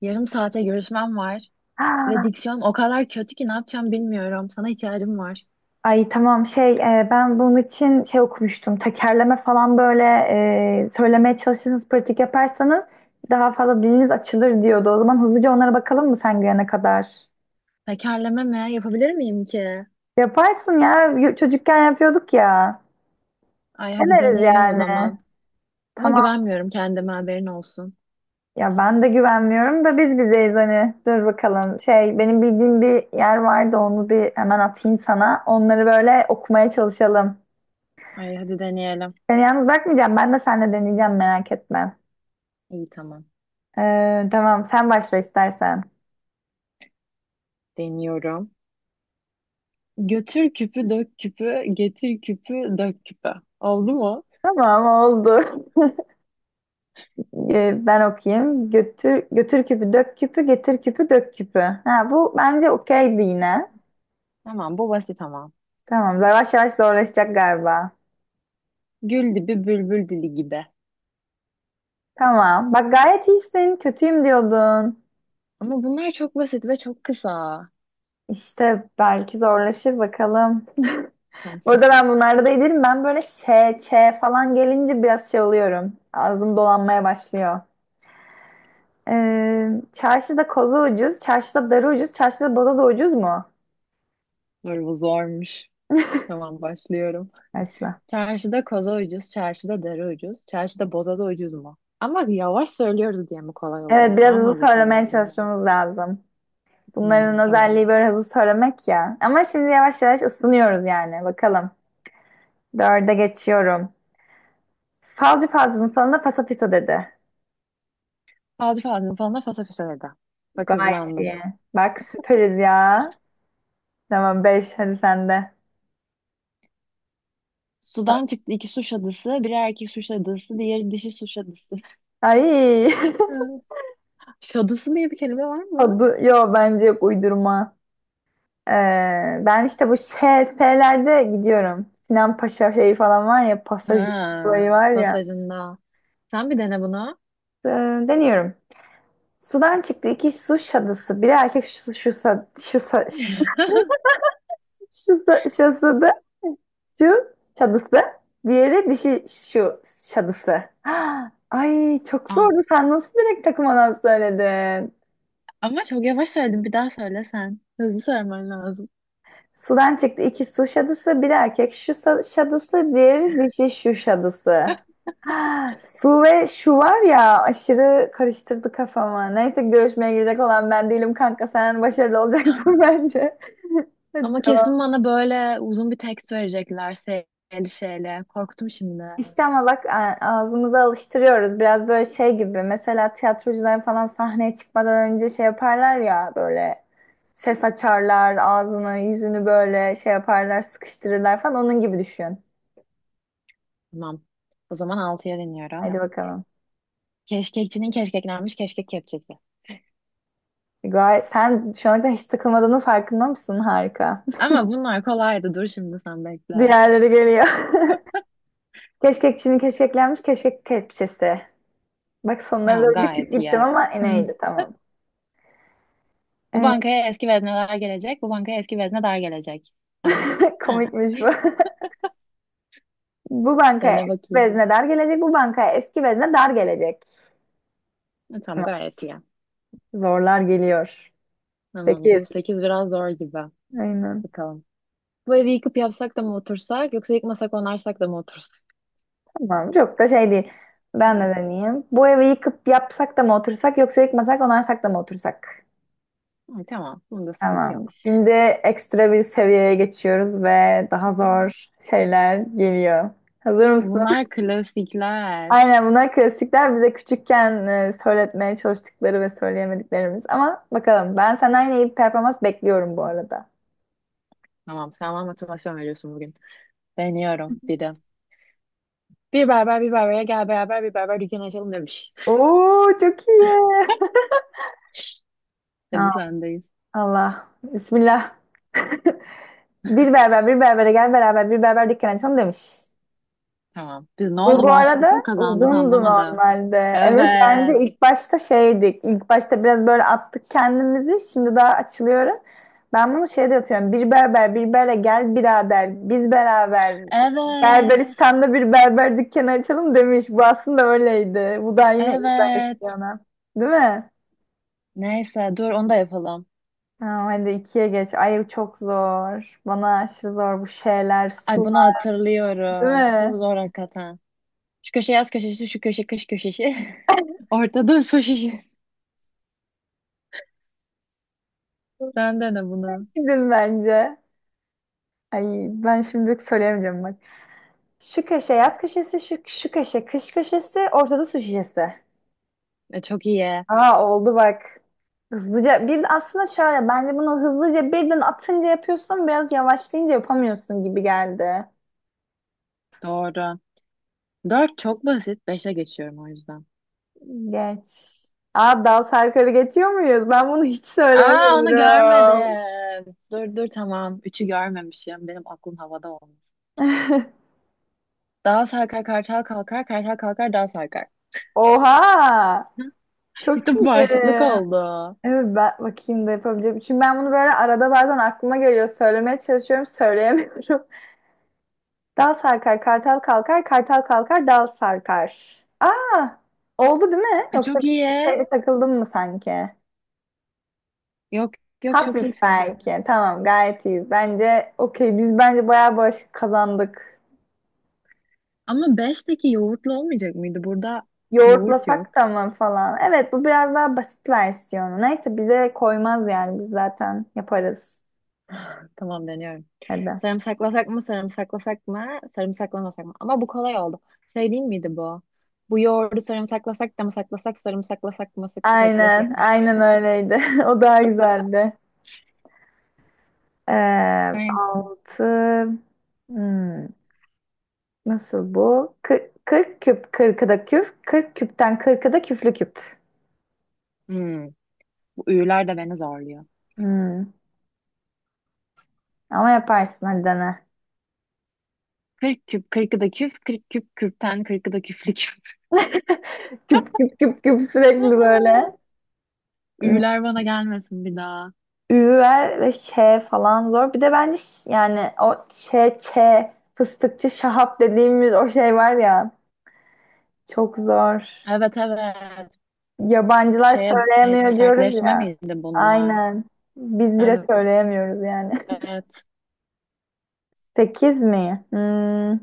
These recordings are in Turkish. Yarım saate görüşmem var ve Ha, diksiyonum o kadar kötü ki ne yapacağım bilmiyorum. Sana ihtiyacım var. Ay tamam şey ben bunun için şey okumuştum. Tekerleme falan böyle söylemeye çalışırsanız pratik yaparsanız daha fazla diliniz açılır diyordu. O zaman hızlıca onlara bakalım mı sen gelene kadar? Tekerleme mi? Yapabilir miyim ki? Yaparsın ya. Y- Çocukken yapıyorduk ya. Ay hadi Deneriz deneyelim o yani. zaman. Ama Tamam. güvenmiyorum kendime haberin olsun. Ya ben de güvenmiyorum da biz bizeyiz hani. Dur bakalım. Şey benim bildiğim bir yer vardı onu bir hemen atayım sana. Onları böyle okumaya çalışalım. Ay hadi deneyelim. Seni yalnız bırakmayacağım. Ben de seninle deneyeceğim, merak etme. İyi tamam. Tamam, sen başla istersen. Deniyorum. Götür küpü dök küpü, getir küpü dök küpü. Oldu mu? Tamam, oldu. Ben okuyayım. Götür, götür küpü dök küpü, getir küpü dök küpü. Ha, bu bence okeydi yine. Tamam bu basit ama. Tamam, yavaş yavaş zorlaşacak galiba. Gül dibi bülbül dili gibi. Tamam bak, gayet iyisin, kötüyüm diyordun. Ama bunlar çok basit ve çok kısa. İşte belki zorlaşır, bakalım. Tamam. Burada ben bunlarda da iyiyim. Ben böyle ş, ç falan gelince biraz şey oluyorum. Ağzım dolanmaya başlıyor. Çarşıda koza ucuz, çarşıda darı ucuz, çarşıda boza da ucuz mu? Dur bu zormuş. Tamam başlıyorum. Başla. Çarşıda koza ucuz, çarşıda deri ucuz, çarşıda boza da ucuz mu? Ama yavaş söylüyoruz diye mi kolay oluyor? Evet, biraz Daha mı hızlı hızlı söylemeye söylemek lazım? çalışmamız lazım. Hmm, Bunların tamam. özelliği böyle hızlı söylemek ya. Ama şimdi yavaş yavaş ısınıyoruz yani. Bakalım. Dörde geçiyorum. Falcı falcının falında pasapito dedi. Fazla fazla falan da fasa fasa dedi. Bak Gayet hızlandım. iyi. Bak süperiz ya. Tamam, beş, hadi sen de. Sudan çıktı iki su şadısı, biri erkek su şadısı, diğeri dişi su şadısı. Ay. Ha, şadısı diye bir kelime var mı? Adı, yo bence yok, uydurma. Ee, Ben işte bu şey, şeylerde gidiyorum. Sinan Paşa şeyi falan var ya, pasajı Ha, olayı var ya. pasajında. Sen bir dene bunu. Ee, Deniyorum. Sudan çıktı iki su şadısı. Biri erkek şu, şu, sa- şu, sa- şu, sa- şadısı, şu şadısı. Diğeri dişi şu şadısı. Ay çok Ama zordu. Sen nasıl direkt takılmadan söyledin? ama çok yavaş söyledim. Bir daha söyle sen. Hızlı söylemen lazım. Sudan çıktı iki su şadısı. Biri erkek şu sa- şadısı. Diğeri dişi şu şadısı. Ha, su ve şu var ya, aşırı karıştırdı kafamı. Neyse, görüşmeye girecek olan ben değilim kanka. Sen başarılı olacaksın bence. Hadi Ama kesin devam. bana böyle uzun bir tekst verecekler şeyli şeyle. Korktum şimdi. İşte ama bak, a- ağzımıza alıştırıyoruz. Biraz böyle şey gibi. Mesela tiyatrocular falan sahneye çıkmadan önce şey yaparlar ya, böyle ses açarlar, ağzını, yüzünü böyle şey yaparlar, sıkıştırırlar falan. Onun gibi düşün. Tamam. O zaman altıya deniyorum. Hadi bakalım. Keşkekçinin keşkeklenmiş keşkek kepçesi. Gayet, sen şu ana kadar hiç takılmadığının farkında mısın? Harika. Ama bunlar kolaydı. Dur şimdi sen bekle. Diğerleri geliyor. Keşkek Çin'i keşkeklenmiş keşkek kepçesi. Bak sonlara Tamam doğru bir tık gayet gittim iyi. ama yine iyiydi, tamam. Bu Ee, bankaya eski vezneler gelecek. Bu bankaya eski veznedar gelecek. Tamam. Ha, komikmiş bu. Bu bankaya dene eski bakayım. vezne dar gelecek, bu bankaya eski vezne dar gelecek. Ha, tamam Tamam, gayet iyi. zorlar geliyor. Tamam 8. bu 8 biraz zor gibi. Aynen. Bakalım. Bu evi yıkıp yapsak da mı otursak yoksa yıkmasak onarsak da mı otursak? Tamam, çok da şey değil. Ben de Evet. deneyeyim. Bu evi yıkıp yapsak da mı otursak, yoksa yıkmasak onarsak da mı otursak? Ay, tamam. Bunda sıkıntı Tamam. yok. Şimdi ekstra bir seviyeye geçiyoruz ve daha zor şeyler geliyor. Hazır mısın? Bunlar klasikler. Aynen, bunlar klasikler, bize küçükken söyletmeye çalıştıkları ve söyleyemediklerimiz. Ama bakalım, ben senden yine iyi bir performans bekliyorum bu arada. Tamam, sen bana motivasyon veriyorsun bugün. Deniyorum bir de. Bir berber bir berbere gel beraber bir berber dükkanı açalım demiş. Oo, çok iyi. Ha, Hadi sendeyiz. Allah. Bismillah. Bir berber bir berbere gel beraber bir berber dükkanı açalım demiş. Tamam. Biz ne Bu, oldu bu bağışıklık arada mı kazandık uzundu anlamadım. normalde. Evet, bence Evet. ilk başta şeydik. İlk başta biraz böyle attık kendimizi. Şimdi daha açılıyoruz. Ben bunu şeyde atıyorum. Bir berber bir berbere gel birader. Biz beraber Evet. Berberistan'da bir berber dükkanı açalım demiş. Bu aslında öyleydi. Bu da yine ilk Evet. versiyonu. Değil mi? Neyse dur onu da yapalım. Tamam, hadi ikiye geç. Ay çok zor. Bana aşırı zor bu şeyler. Ay bunu Sular, değil hatırlıyorum. Bu mi? zor hakikaten. Şu köşe yaz köşesi, şu köşe kış köşesi. Ortada su şişesi. Sen dene bunu. Gidin bence. Ay, ben şimdilik söyleyemeyeceğim bak. Şu köşe yaz köşesi, şu, şu köşe kış köşesi, ortada su şişesi. E, çok iyi. Aa, oldu bak. Hızlıca bir, aslında şöyle, bence bunu hızlıca birden atınca yapıyorsun, biraz yavaşlayınca yapamıyorsun gibi geldi. Doğru. Dört çok basit. Beşe geçiyorum o yüzden. Geç. Aa, dal sarkarı geçiyor muyuz? Ben bunu hiç Aa onu söyleyemiyorum. görmedim. Dur dur tamam. Üçü görmemişim. Benim aklım havada olmuş. Dağ sarkar kartal kalkar. Kartal kalkar dağ sarkar. Oha! Çok İşte bu iyi. bağışıklık oldu. Evet, ben bakayım da yapabileceğim. Çünkü ben bunu böyle arada bazen aklıma geliyor. Söylemeye çalışıyorum, söyleyemiyorum. Dal sarkar, kartal kalkar, kartal kalkar, dal sarkar. Aa, oldu değil mi? Ha, Yoksa çok bir iyi. şeyde takıldım mı sanki? Yok yok çok Hafif iyisin. belki. Tamam, gayet iyi. Bence okey. Biz bence bayağı bağışık kazandık. Ama beşteki yoğurtlu olmayacak mıydı? Burada yoğurt yok. Yoğurtlasak da mı falan. Evet, bu biraz daha basit versiyonu. Neyse, bize koymaz yani. Biz zaten yaparız. Tamam deniyorum. Hadi. Sarımsaklasak mı, sarımsaklasak mı, sarımsaklamasak mı? Ama bu kolay oldu. Şey değil miydi bu? Bu yoğurdu sarımsaklasak da mı saklasak, sarımsaklasak mı Aynen, saklasak? aynen öyleydi. O daha güzeldi. Ee, Neyse. Altı, hmm, nasıl bu? Kı- 40 küp, 40'ı da küp. 40 küpten 40'ı da küflü küp. Hmm, bu üyüler de beni zorluyor. Hmm, ama yaparsın, hadi dene. Kırk küp, kırkı da küp, kırk küp kürkten, kırkı da küflü küp. Küp küp küp küp, sürekli böyle. Hmm, Üyüler bana gelmesin bir daha. Ü ver ve ş falan zor. Bir de bence ş-, yani o ş ç, fıstıkçı Şahap dediğimiz o şey var ya, çok zor. Evet evet. Yabancılar Şeye evet, söyleyemiyor diyoruz sertleşme ya. miydi bunlar? Aynen. Biz bile söyleyemiyoruz yani. Evet. Sekiz mi? Hmm.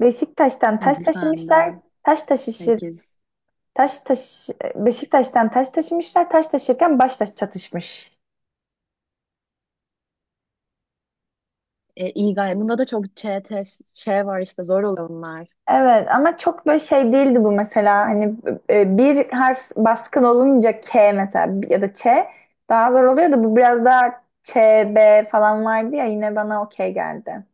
Beşiktaş'tan taş Hadi sen de. taşımışlar. Taş taşışır. Sekiz. Taş taş Beşiktaş'tan taş taşımışlar. Taş taşırken baş taş çatışmış. E, iyi gayet. Bunda da çok ç var işte zor oluyor bunlar. Evet ama çok böyle şey değildi bu mesela. Hani bir harf baskın olunca, K mesela ya da Ç, daha zor oluyor da, bu biraz daha Ç, B falan vardı ya, yine bana okey geldi.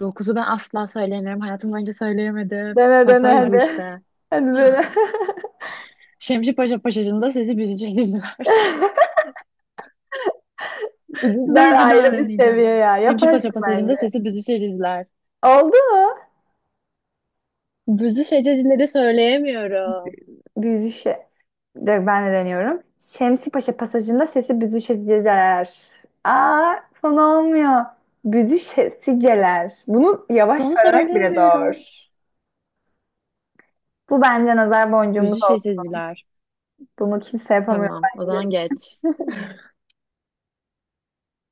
Dokuzu ben asla söyleyemiyorum. Hayatım boyunca söyleyemedim. Dene dene Pasaj bu hadi. işte. Hadi dene. Şemsi Paşa Pasajı'nda sesi büzüşecekler. Bu cidden Dur bir daha ayrı bir deneyeceğim. seviye ya. Şemsi Yaparsın Paşa Pasajı'nda bence. sesi büzüşecekler. Oldu mu? Büzüşecekleri söyleyemiyorum. Büyüzüşe. De- Ben de deniyorum. Şemsipaşa pasajında sesi büzüşeceler. Aa, son olmuyor. Büzüşeceler. Bunu yavaş Sonu söylemek bile söyleyemiyoruz. zor. Bu bence nazar boncuğumuz olsun. Büzüşecekler. Bunu kimse yapamıyor Tamam. O bence. zaman geç.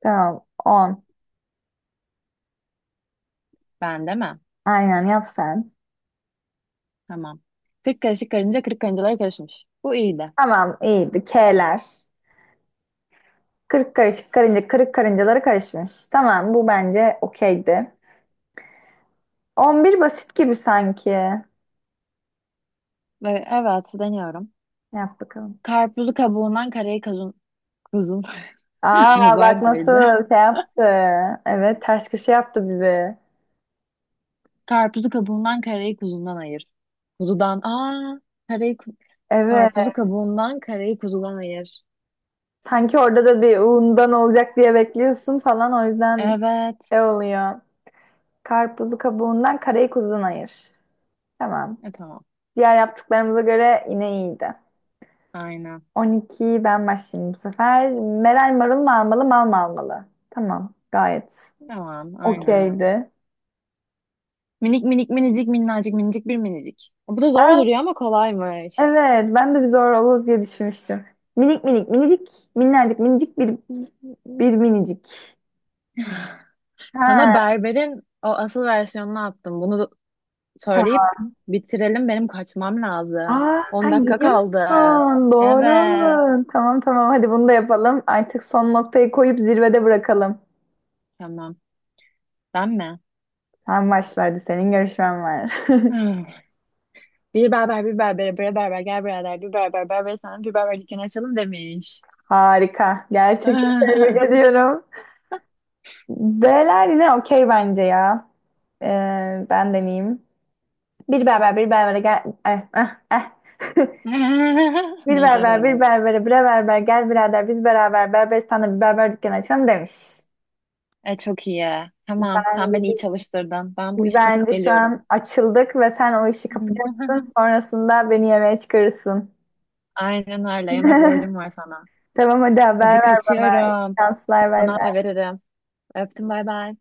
Tamam. 10. Ben de mi? Aynen yap sen. Tamam. Kırk karışık karınca kırk karıncalara karışmış. Bu iyiydi. Tamam, iyiydi. K'ler. Kırık karışık karınca kırık karıncaları karışmış. Tamam, bu bence okeydi. 11 basit gibi sanki. Ve evet deniyorum. Yap bakalım. Karpuzu kabuğundan karayı kuzun Aa, bak nazar değdi. nasıl şey yaptı. Evet, ters köşe yaptı bizi. Karpuzu kabuğundan karayı kuzundan ayır. Kuzudan aa karayı Evet. karpuzu kabuğundan karayı kuzudan ayır. Sanki orada da bir undan olacak diye bekliyorsun falan, o yüzden Evet. şey oluyor. Karpuzu kabuğundan, karayı kuzudan ayır. Tamam. E tamam. Diğer yaptıklarımıza göre yine iyiydi. Aynen. 12, ben başlayayım bu sefer. Meral marul mu almalı, mal mı almalı? Tamam, gayet Tamam, aynen. okeydi. Minik minik minicik minnacık minicik bir minicik. Bu da zor duruyor ama kolaymış. Evet, ben de bir zor olur diye düşünmüştüm. Minik minik minicik minnacık minicik bir minicik. Sana Ha, berberin o asıl versiyonunu attım. Bunu tamam. söyleyip bitirelim. Benim kaçmam lazım. Aa, 10 sen dakika kaldı. gidiyorsun. Doğru. Evet. Tamam tamam, hadi bunu da yapalım. Artık son noktayı koyup zirvede bırakalım. Tamam. Ben mi? Sen başlardı, senin görüşmen var. Bir berber bir berbere bre berber gel birader bir berber berber sana bir berber dükkanı açalım demiş. Harika. Gerçekten tebrik ediyorum. B'ler yine okey bence ya. Ben deneyeyim. Bir berber bir berbere gel. Eh. Bir Nazar berber bir oldu. berbere bre berber gel birader, biz beraber Berberistan'da bir berber dükkanı açalım demiş. E, çok iyi. Tamam sen beni iyi çalıştırdın. Ben bu Biz işi kapıp bence şu geliyorum. an açıldık ve sen o işi kapacaksın. Sonrasında beni yemeğe çıkarırsın. Aynen öyle yemek borcum var sana. Tamam, hadi haber Hadi ver bana. İyi kaçıyorum. şanslar, bay Sana haber bay. veririm. Öptüm bay bay.